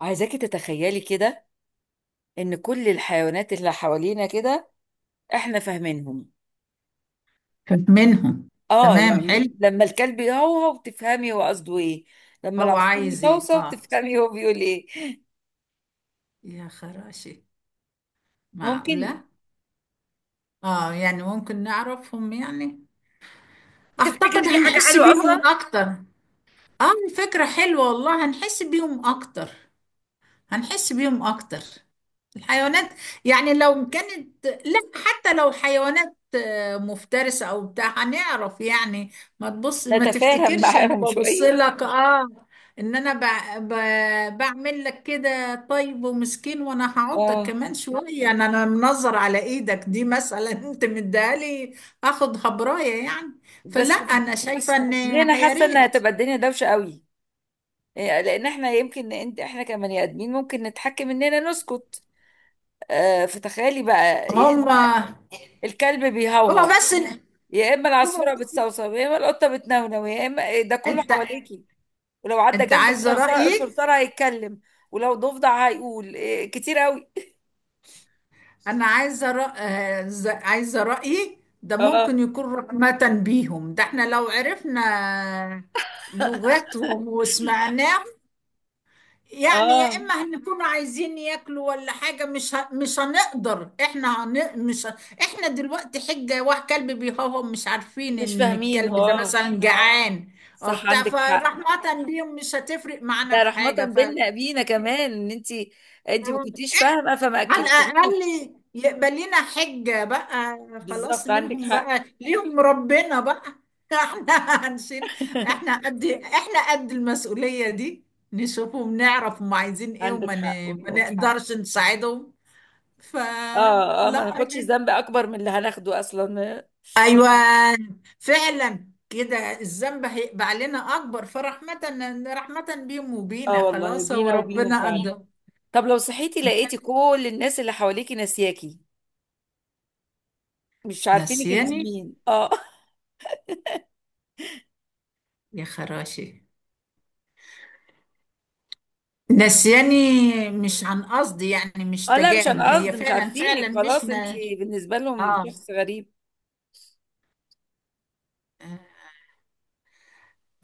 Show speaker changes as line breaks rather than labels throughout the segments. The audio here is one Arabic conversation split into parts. عايزاكي تتخيلي كده، ان كل الحيوانات اللي حوالينا كده احنا فاهمينهم.
منهم.
اه
تمام،
يعني
حلو.
لما الكلب يهوهو بتفهمي هو قصده ايه، لما
هو
العصفور
عايز ايه،
يصوصو
اه.
بتفهمي هو بيقول ايه.
يا خراشي،
ممكن.
معقولة. اه، يعني ممكن نعرفهم يعني. اعتقد
تفتكري دي حاجة
هنحس
حلوة
بيهم
اصلا
اكتر. اه، الفكرة حلوة والله، هنحس بيهم اكتر. هنحس بيهم اكتر، الحيوانات. يعني لو كانت، لا، حتى لو حيوانات مفترسة او بتاع هنعرف يعني. ما تبص، ما
نتفاهم
تفتكرش انا
معاهم
ببص
شوية؟
لك اه. ان انا بعمل لك كده، طيب ومسكين، وانا هعضك
اه
كمان شوية. انا منظر على ايدك دي مثلا انت مديهالي اخد هبراية يعني. فلا،
بس
انا شايفة ان...
ليه انا
يا
حاسة
ريت.
انها هتبقى الدنيا دوشة قوي؟ إيه، لان احنا يمكن انت احنا كبني ادمين ممكن نتحكم اننا نسكت. آه فتخيلي بقى،
هما
الكلب بيهوهو
هما بس
يا اما
هما
العصفوره
بس
بتصوصو يا اما القطه بتنونو يا اما ده كله
انت
حواليكي، ولو عدى
انت
جنبك
عايزه
صرصار
رايي.
صرصار هيتكلم، ولو ضفدع هيقول إيه، كتير قوي.
انا عايزه عايزه رايي، ده
اه
ممكن يكون رحمه بيهم. ده احنا لو عرفنا لغتهم وسمعناهم، يعني يا
اه
اما هنكون عايزين ياكلوا ولا حاجه، مش هنقدر، احنا هن... مش ه... احنا دلوقتي حجه واحد كلب بيهوهو، مش عارفين
مش
ان
فاهمين،
الكلب ده
اه
مثلا جعان او
صح
بتاع.
عندك حق.
فرحمه بيهم مش هتفرق معانا
ده
في
رحمة
حاجه،
بينا بينا كمان، ان انت ما كنتيش فاهمة فما
على
اكلتهوش.
الأقل يقبل لنا حجة بقى. خلاص،
بالظبط عندك
منهم
حق.
بقى، ليهم ربنا بقى. احنا هنشيل، احنا قد احنا قد المسؤولية دي، نشوفهم، نعرف هم عايزين ايه
عندك حق
ما
والله.
نقدرش نساعدهم فلا.
اه اه ما ناخدش الذنب اكبر من اللي هناخده اصلا.
ايوه، فعلا كده الذنب هيبقى علينا اكبر، فرحمة، رحمة بيهم
اه
وبينا،
والله
خلاص هو
بينا وبيهم
ربنا
فعلا.
قدر.
طب لو صحيتي لقيتي كل الناس اللي حواليكي ناسياكي، مش عارفينك انت
نسياني،
مين؟ اه
يا خراشي، نسياني مش عن قصد يعني، مش
اه لا مش،
تجاهل،
انا
هي
قصدي مش
فعلا فعلا
عارفينك
مش
خلاص، انت
ن...
بالنسبه لهم شخص غريب.
آه،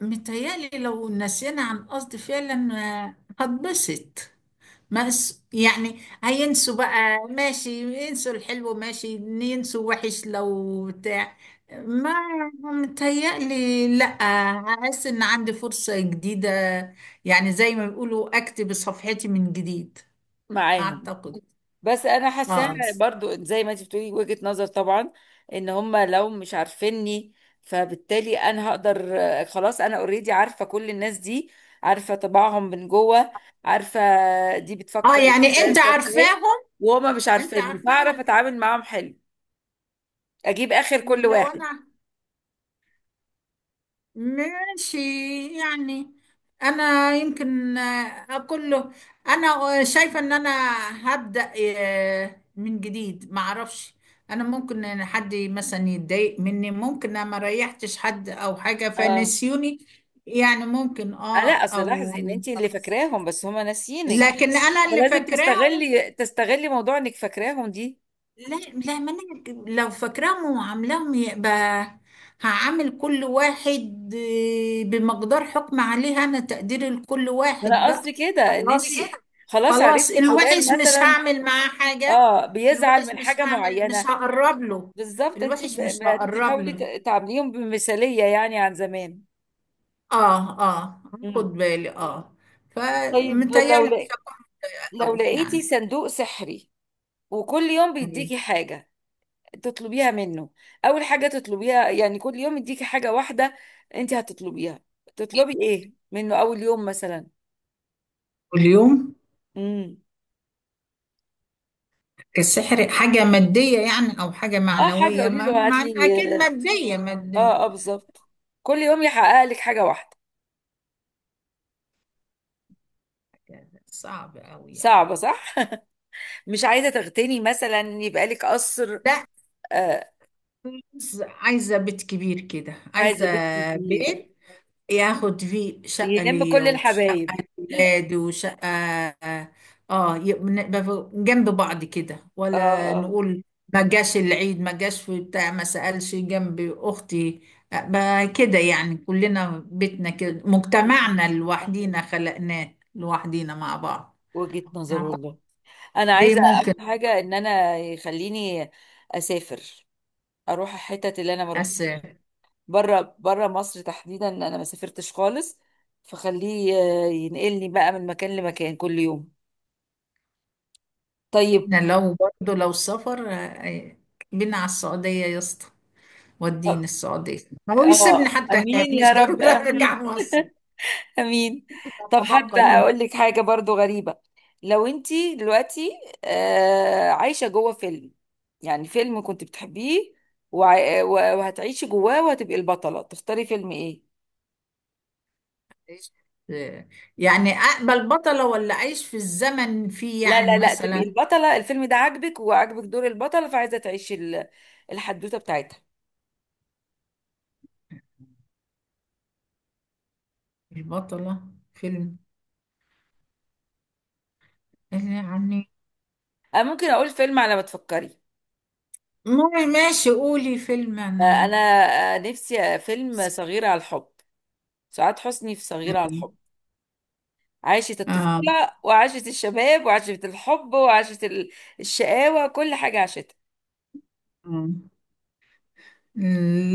متهيألي لو نسينا عن قصد فعلا هتبسط. ما اس- يعني هينسوا بقى ماشي، ينسوا الحلو ماشي، ينسوا وحش لو بتاع، ما متهيألي لأ. أحس إن عندي فرصة جديدة، يعني زي ما بيقولوا أكتب صفحتي من جديد.
معاهم؟
أعتقد.
بس انا حاساها
آه.
برضو زي ما انت بتقولي وجهة نظر طبعا، ان هم لو مش عارفيني فبالتالي انا هقدر خلاص، انا اوريدي عارفه كل الناس دي، عارفه طباعهم من جوه، عارفه دي
آه،
بتفكر
يعني
ازاي
أنت
مش عارفه ايه،
عارفاهم.
وهما مش
انت
عارفيني
عارفه.
فاعرف اتعامل معاهم حلو اجيب اخر كل
لو
واحد.
انا، ماشي يعني، انا يمكن اقول له انا شايفه ان انا هبدا من جديد، ما اعرفش. انا ممكن ان حد مثلا يتضايق مني، ممكن انا ما ريحتش حد او حاجه
اه
فنسيوني، يعني ممكن، اه،
لا اصل
او...
لاحظي ان انت اللي فاكراهم بس هما ناسيينك،
لكن انا اللي
فلازم
فاكراهم.
تستغلي موضوع انك فاكراهم دي.
لا لا، ما انا لو فاكراهم وعاملاهم، يبقى هعمل كل واحد بمقدار حكم عليه انا، تقدير لكل
ما
واحد
انا
بقى.
قصدي كده ان
خلاص
انت
بجد،
خلاص
خلاص
عرفتي فلان
الوحش مش
مثلا،
هعمل معاه حاجة.
اه بيزعل
الوحش
من حاجة
مش
معينة.
هقرب له،
بالظبط انت
الوحش مش هقرب
بتحاولي
له.
تعامليهم بمثالية يعني عن زمان.
اه اه، خد
امم.
بالي اه،
طيب
فمتهيألي مش هقرب
لو
قوي
لقيتي
يعني.
صندوق سحري وكل يوم
أيوة.
بيديكي حاجة تطلبيها منه، اول حاجه تطلبيها يعني كل يوم يديكي حاجه واحده انت هتطلبيها، تطلبي ايه منه اول يوم مثلا؟
واليوم،
امم
السحر حاجة مادية يعني أو حاجة
اه حاجه
معنوية؟
قولي له هات لي،
أكيد مادية، مادية.
اه اه بالظبط كل يوم يحقق لك حاجه واحده.
صعب أوي يعني.
صعبه صح؟ مش عايزه تغتني مثلا يبقى لك قصر،
لا،
آه،
عايزة بيت كبير كده، عايزة
عايزه بيت كبير
بيت ياخد فيه شقة
يلم
ليا،
كل
وشقة
الحبايب؟
لولادي، وشقة... اه، يبقى نبقى جنب بعض كده،
اه
ولا
اه.
نقول ما جاش العيد، ما جاش في بتاع، ما سألش جنب أختي، بقى كده يعني. كلنا بيتنا كده،
مم.
مجتمعنا لوحدينا، خلقناه لوحدينا مع بعض.
وجهة نظر
أعتقد
والله. انا
دي
عايزه
ممكن.
اول حاجه ان انا يخليني اسافر، اروح الحتت اللي انا ما
بس
رحتش،
احنا،
بره بره مصر تحديدا انا ما سافرتش خالص، فخليه ينقلني بقى من مكان لمكان كل يوم. طيب.
لو برضه لو سفر بينا على السعودية يا اسطى، وديني
اه
السعودية، هو يسيبني حتى هناك،
امين يا
مش
رب
ضروري
امين،
أرجع مصر،
امين. طب
تتبقى
حابه
لي.
اقول لك حاجه برضو غريبه، لو انتي دلوقتي عايشه جوه فيلم، يعني فيلم كنت بتحبيه وهتعيشي جواه وهتبقي البطله، تختاري فيلم ايه؟
آه. يعني أقبل بطلة، ولا أعيش في الزمن فيه
لا
يعني
لا لا تبقي
مثلا؟
البطله، الفيلم ده عاجبك وعاجبك دور البطله فعايزه تعيشي الحدوته بتاعتها.
البطلة فيلم يعني...
أه ممكن اقول فيلم على ما تفكري،
ماشي، قولي فيلم
أه
أنا.
انا أه نفسي أه فيلم صغيرة على الحب، سعاد حسني في صغيرة على
مم.
الحب، عاشت
آه.
الطفولة وعاشت الشباب وعاشت الحب وعاشت الشقاوة، كل حاجة عاشتها.
مم.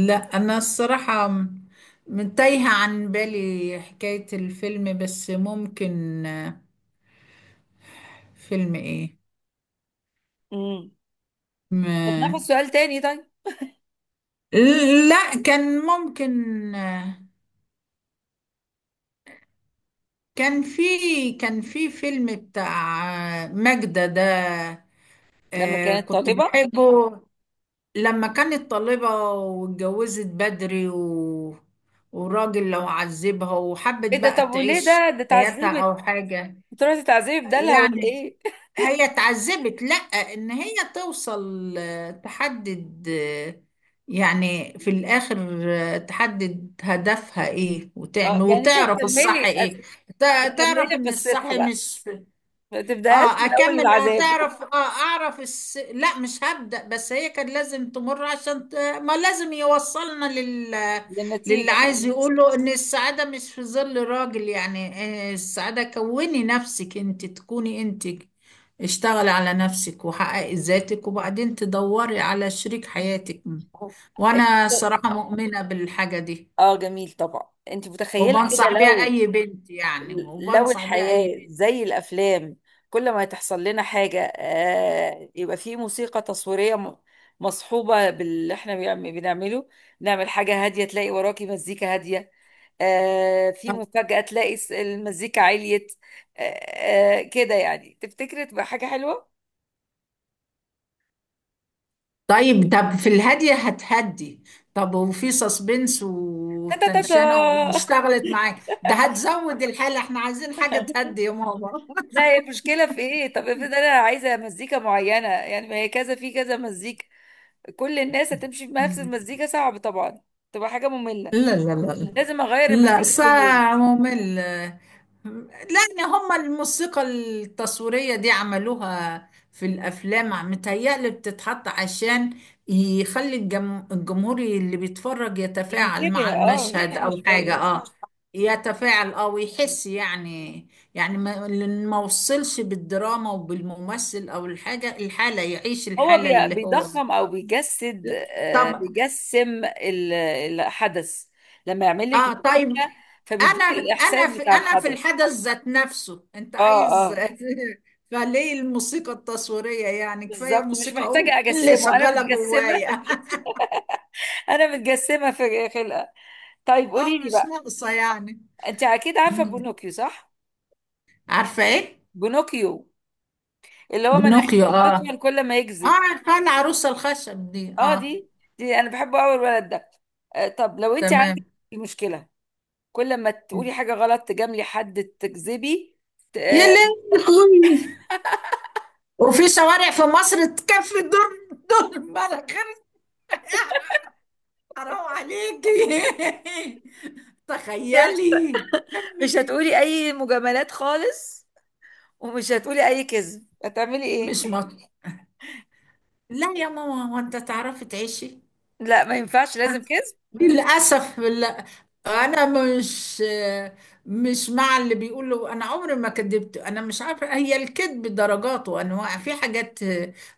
لا، أنا الصراحة تايهة عن بالي حكاية الفيلم، بس ممكن فيلم
امم. طب ناخد
إيه؟
سؤال تاني طيب.
لا، كان ممكن كان في كان في فيلم بتاع ماجدة ده،
لما كانت
كنت
طالبة.
بحبه. لما كانت طالبة واتجوزت بدري و... وراجل لو عذبها، وحبت
ايه ده
بقى
طب وليه
تعيش
ده
حياتها
اتعذبت،
أو حاجة
تروحي تتعذبي بدالها ولا
يعني.
ايه؟
هي اتعذبت، لا، ان هي توصل تحدد يعني في الاخر تحدد هدفها ايه،
اه
وتعمل،
يعني انت
وتعرف الصح
هتكملي
ايه.
هتكملي
تعرف ان الصح
قصتها بقى،
مش...
ما تبداهاش من
اه
اول
اكمل،
العذاب؟
هتعرف اه، لا مش هبدأ، بس هي كان لازم تمر عشان ت... ما لازم يوصلنا لل... للي
للنتيجة.
عايز يقوله، ان السعادة مش في ظل راجل يعني. السعادة كوني نفسك، انت تكوني انت، اشتغلي على نفسك وحققي ذاتك وبعدين تدوري على شريك
صح.
حياتك. وانا صراحة مؤمنة بالحاجة دي،
اه جميل طبعا. انت متخيله كده
وبنصح بيها
لو
اي بنت يعني،
لو
وبنصح بيها اي
الحياه
بنت.
زي الافلام، كل ما تحصل لنا حاجه آه يبقى في موسيقى تصويريه مصحوبه باللي احنا بنعمله، نعمل حاجه هاديه تلاقي وراكي مزيكا هاديه، آه في مفاجاه تلاقي المزيكا عليت، آه آه كده يعني، تفتكري تبقى حاجه حلوه؟
طيب، طب في الهادية هتهدي، طب وفي سسبنس
تا تا تا تا.
وتنشنة واشتغلت معاك ده هتزود الحالة، احنا عايزين حاجة تهدي يا ماما.
لا هي المشكلة في ايه؟ طب افرض انا عايزة مزيكا معينة، يعني ما هي كذا في كذا مزيكا، كل الناس هتمشي بنفس المزيكا صعب طبعا، تبقى حاجة مملة،
لا لا لا لا،
لازم اغير
لا
المزيكا كل يوم.
ساعة ممل. لأن هما الموسيقى التصويرية دي عملوها في الأفلام، متهيألي بتتحط عشان يخلي الجمهور اللي بيتفرج يتفاعل
ينتبه،
مع
اه
المشهد
ينتبه
أو حاجة،
شوية، اه
اه.
صح.
يتفاعل، اه، ويحس يعني. يعني ما لأن ما وصلش بالدراما وبالممثل أو الحاجة، الحالة يعيش
هو
الحالة اللي هو...
بيضخم او بيجسد، آه،
طب،
بيجسم الحدث، لما يعمل لك
اه طيب،
مزيكا فبيديك
انا انا
الاحساس
في
بتاع
انا في
الحدث.
الحدث ذات نفسه انت
اه اه
عايز فليه الموسيقى التصويرية يعني؟ كفاية
بالظبط مش
موسيقى أم
محتاجة
اللي
اجسمه، انا
شغالة
متجسمة.
جوايا.
انا متجسمة في خلقة. طيب
اه،
قولي لي
مش
بقى،
ناقصة يعني.
انت اكيد عارفة
مم.
بونوكيو صح؟
عارفة ايه؟
بونوكيو، اللي هو
بنوكيو،
مناخيره
اه اه،
بتطول كل ما يكذب.
عارفة العروسة الخشب دي،
اه
اه،
دي انا بحبه قوي الولد ده. آه طب لو انت عندك
تمام.
مشكله، كل ما
مم.
تقولي حاجه غلط تجاملي حد تكذبي ت-
يا
آه،
لهوي، وفي شوارع في مصر تكفي؟ دور الملك حرام عليكي
كده،
تخيلي، يا
مش
امي.
هتقولي اي مجاملات خالص، ومش هتقولي اي كذب، هتعملي ايه؟
مش مط... لا يا ماما، هو انت تعرفي تعيشي؟
لا ما ينفعش لازم كذب.
للاسف لا، انا مش، مع اللي بيقولوا انا عمري ما كذبت. انا مش عارفه، هي الكذب درجات وانواع، في حاجات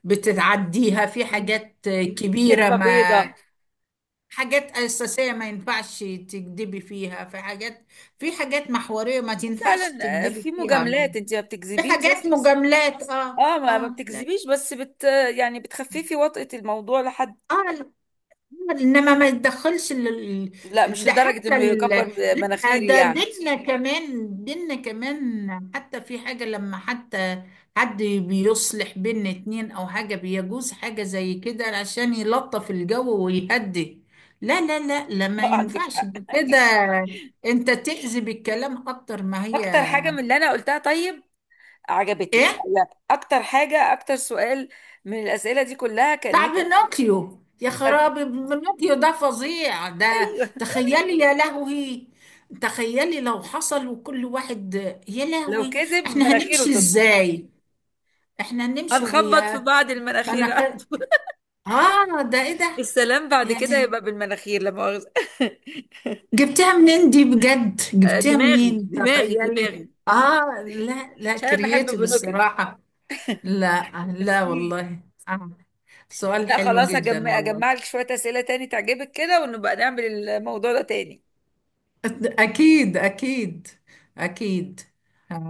بتتعديها، في
مم.
حاجات كبيره
كذبه
ما...
بيضه.
حاجات اساسيه ما ينفعش تكذبي فيها، في حاجات محوريه ما تنفعش
وفعلا في
تكذبي فيها.
مجاملات انت ما
في
بتكذبيش، بس
حاجات مجاملات، اه
اه ما
اه، لا اه،
بتكذبيش بس بت، يعني بتخففي وطأة الموضوع لحد.
لا. انما ما يتدخلش
لا مش
ده
لدرجة
حتى
انه
ال...
يكبر
لا،
مناخيري
ده
يعني.
ديننا كمان، ديننا كمان حتى في حاجة، لما حتى حد بيصلح بين اتنين او حاجة، بيجوز حاجة زي كده عشان يلطف الجو ويهدي. لا لا لا لا، ما
عندك
ينفعش
حق.
ده كده، انت تأذي بالكلام اكتر. ما هي
اكتر حاجة من اللي انا قلتها طيب عجبتك؟
ايه
لا اكتر حاجة اكتر سؤال من الاسئلة دي كلها كان
بتاع
نفسك
بينوكيو؟ يا
بتعمل-
خرابي، بينوكيو ده فظيع ده،
ايوه.
تخيلي. يا لهوي، تخيلي لو حصل وكل واحد... يا
لو
لهوي،
كذب
احنا
مناخيره
هنمشي
تطلع،
ازاي؟ احنا هنمشي
هنخبط في
وهي...
بعض
انا
المناخير على
ك...
طول.
اه ده ايه ده؟
السلام بعد كده
يعني
يبقى بالمناخير لا مؤاخذة.
جبتها منين دي بجد، جبتها
دماغي
منين،
دماغي
تخيلي.
دماغي.
اه، لا لا،
عشان انا بحب
كرييتيف
بلوكت.
الصراحة، لا لا
ميرسي.
والله. آه. سؤال
لا
حلو
خلاص
جدا
هجمع
والله.
اجمع لك شوية اسئلة تاني تعجبك كده، ونبقى نعمل الموضوع ده تاني.
أكيد، أكيد أكيد.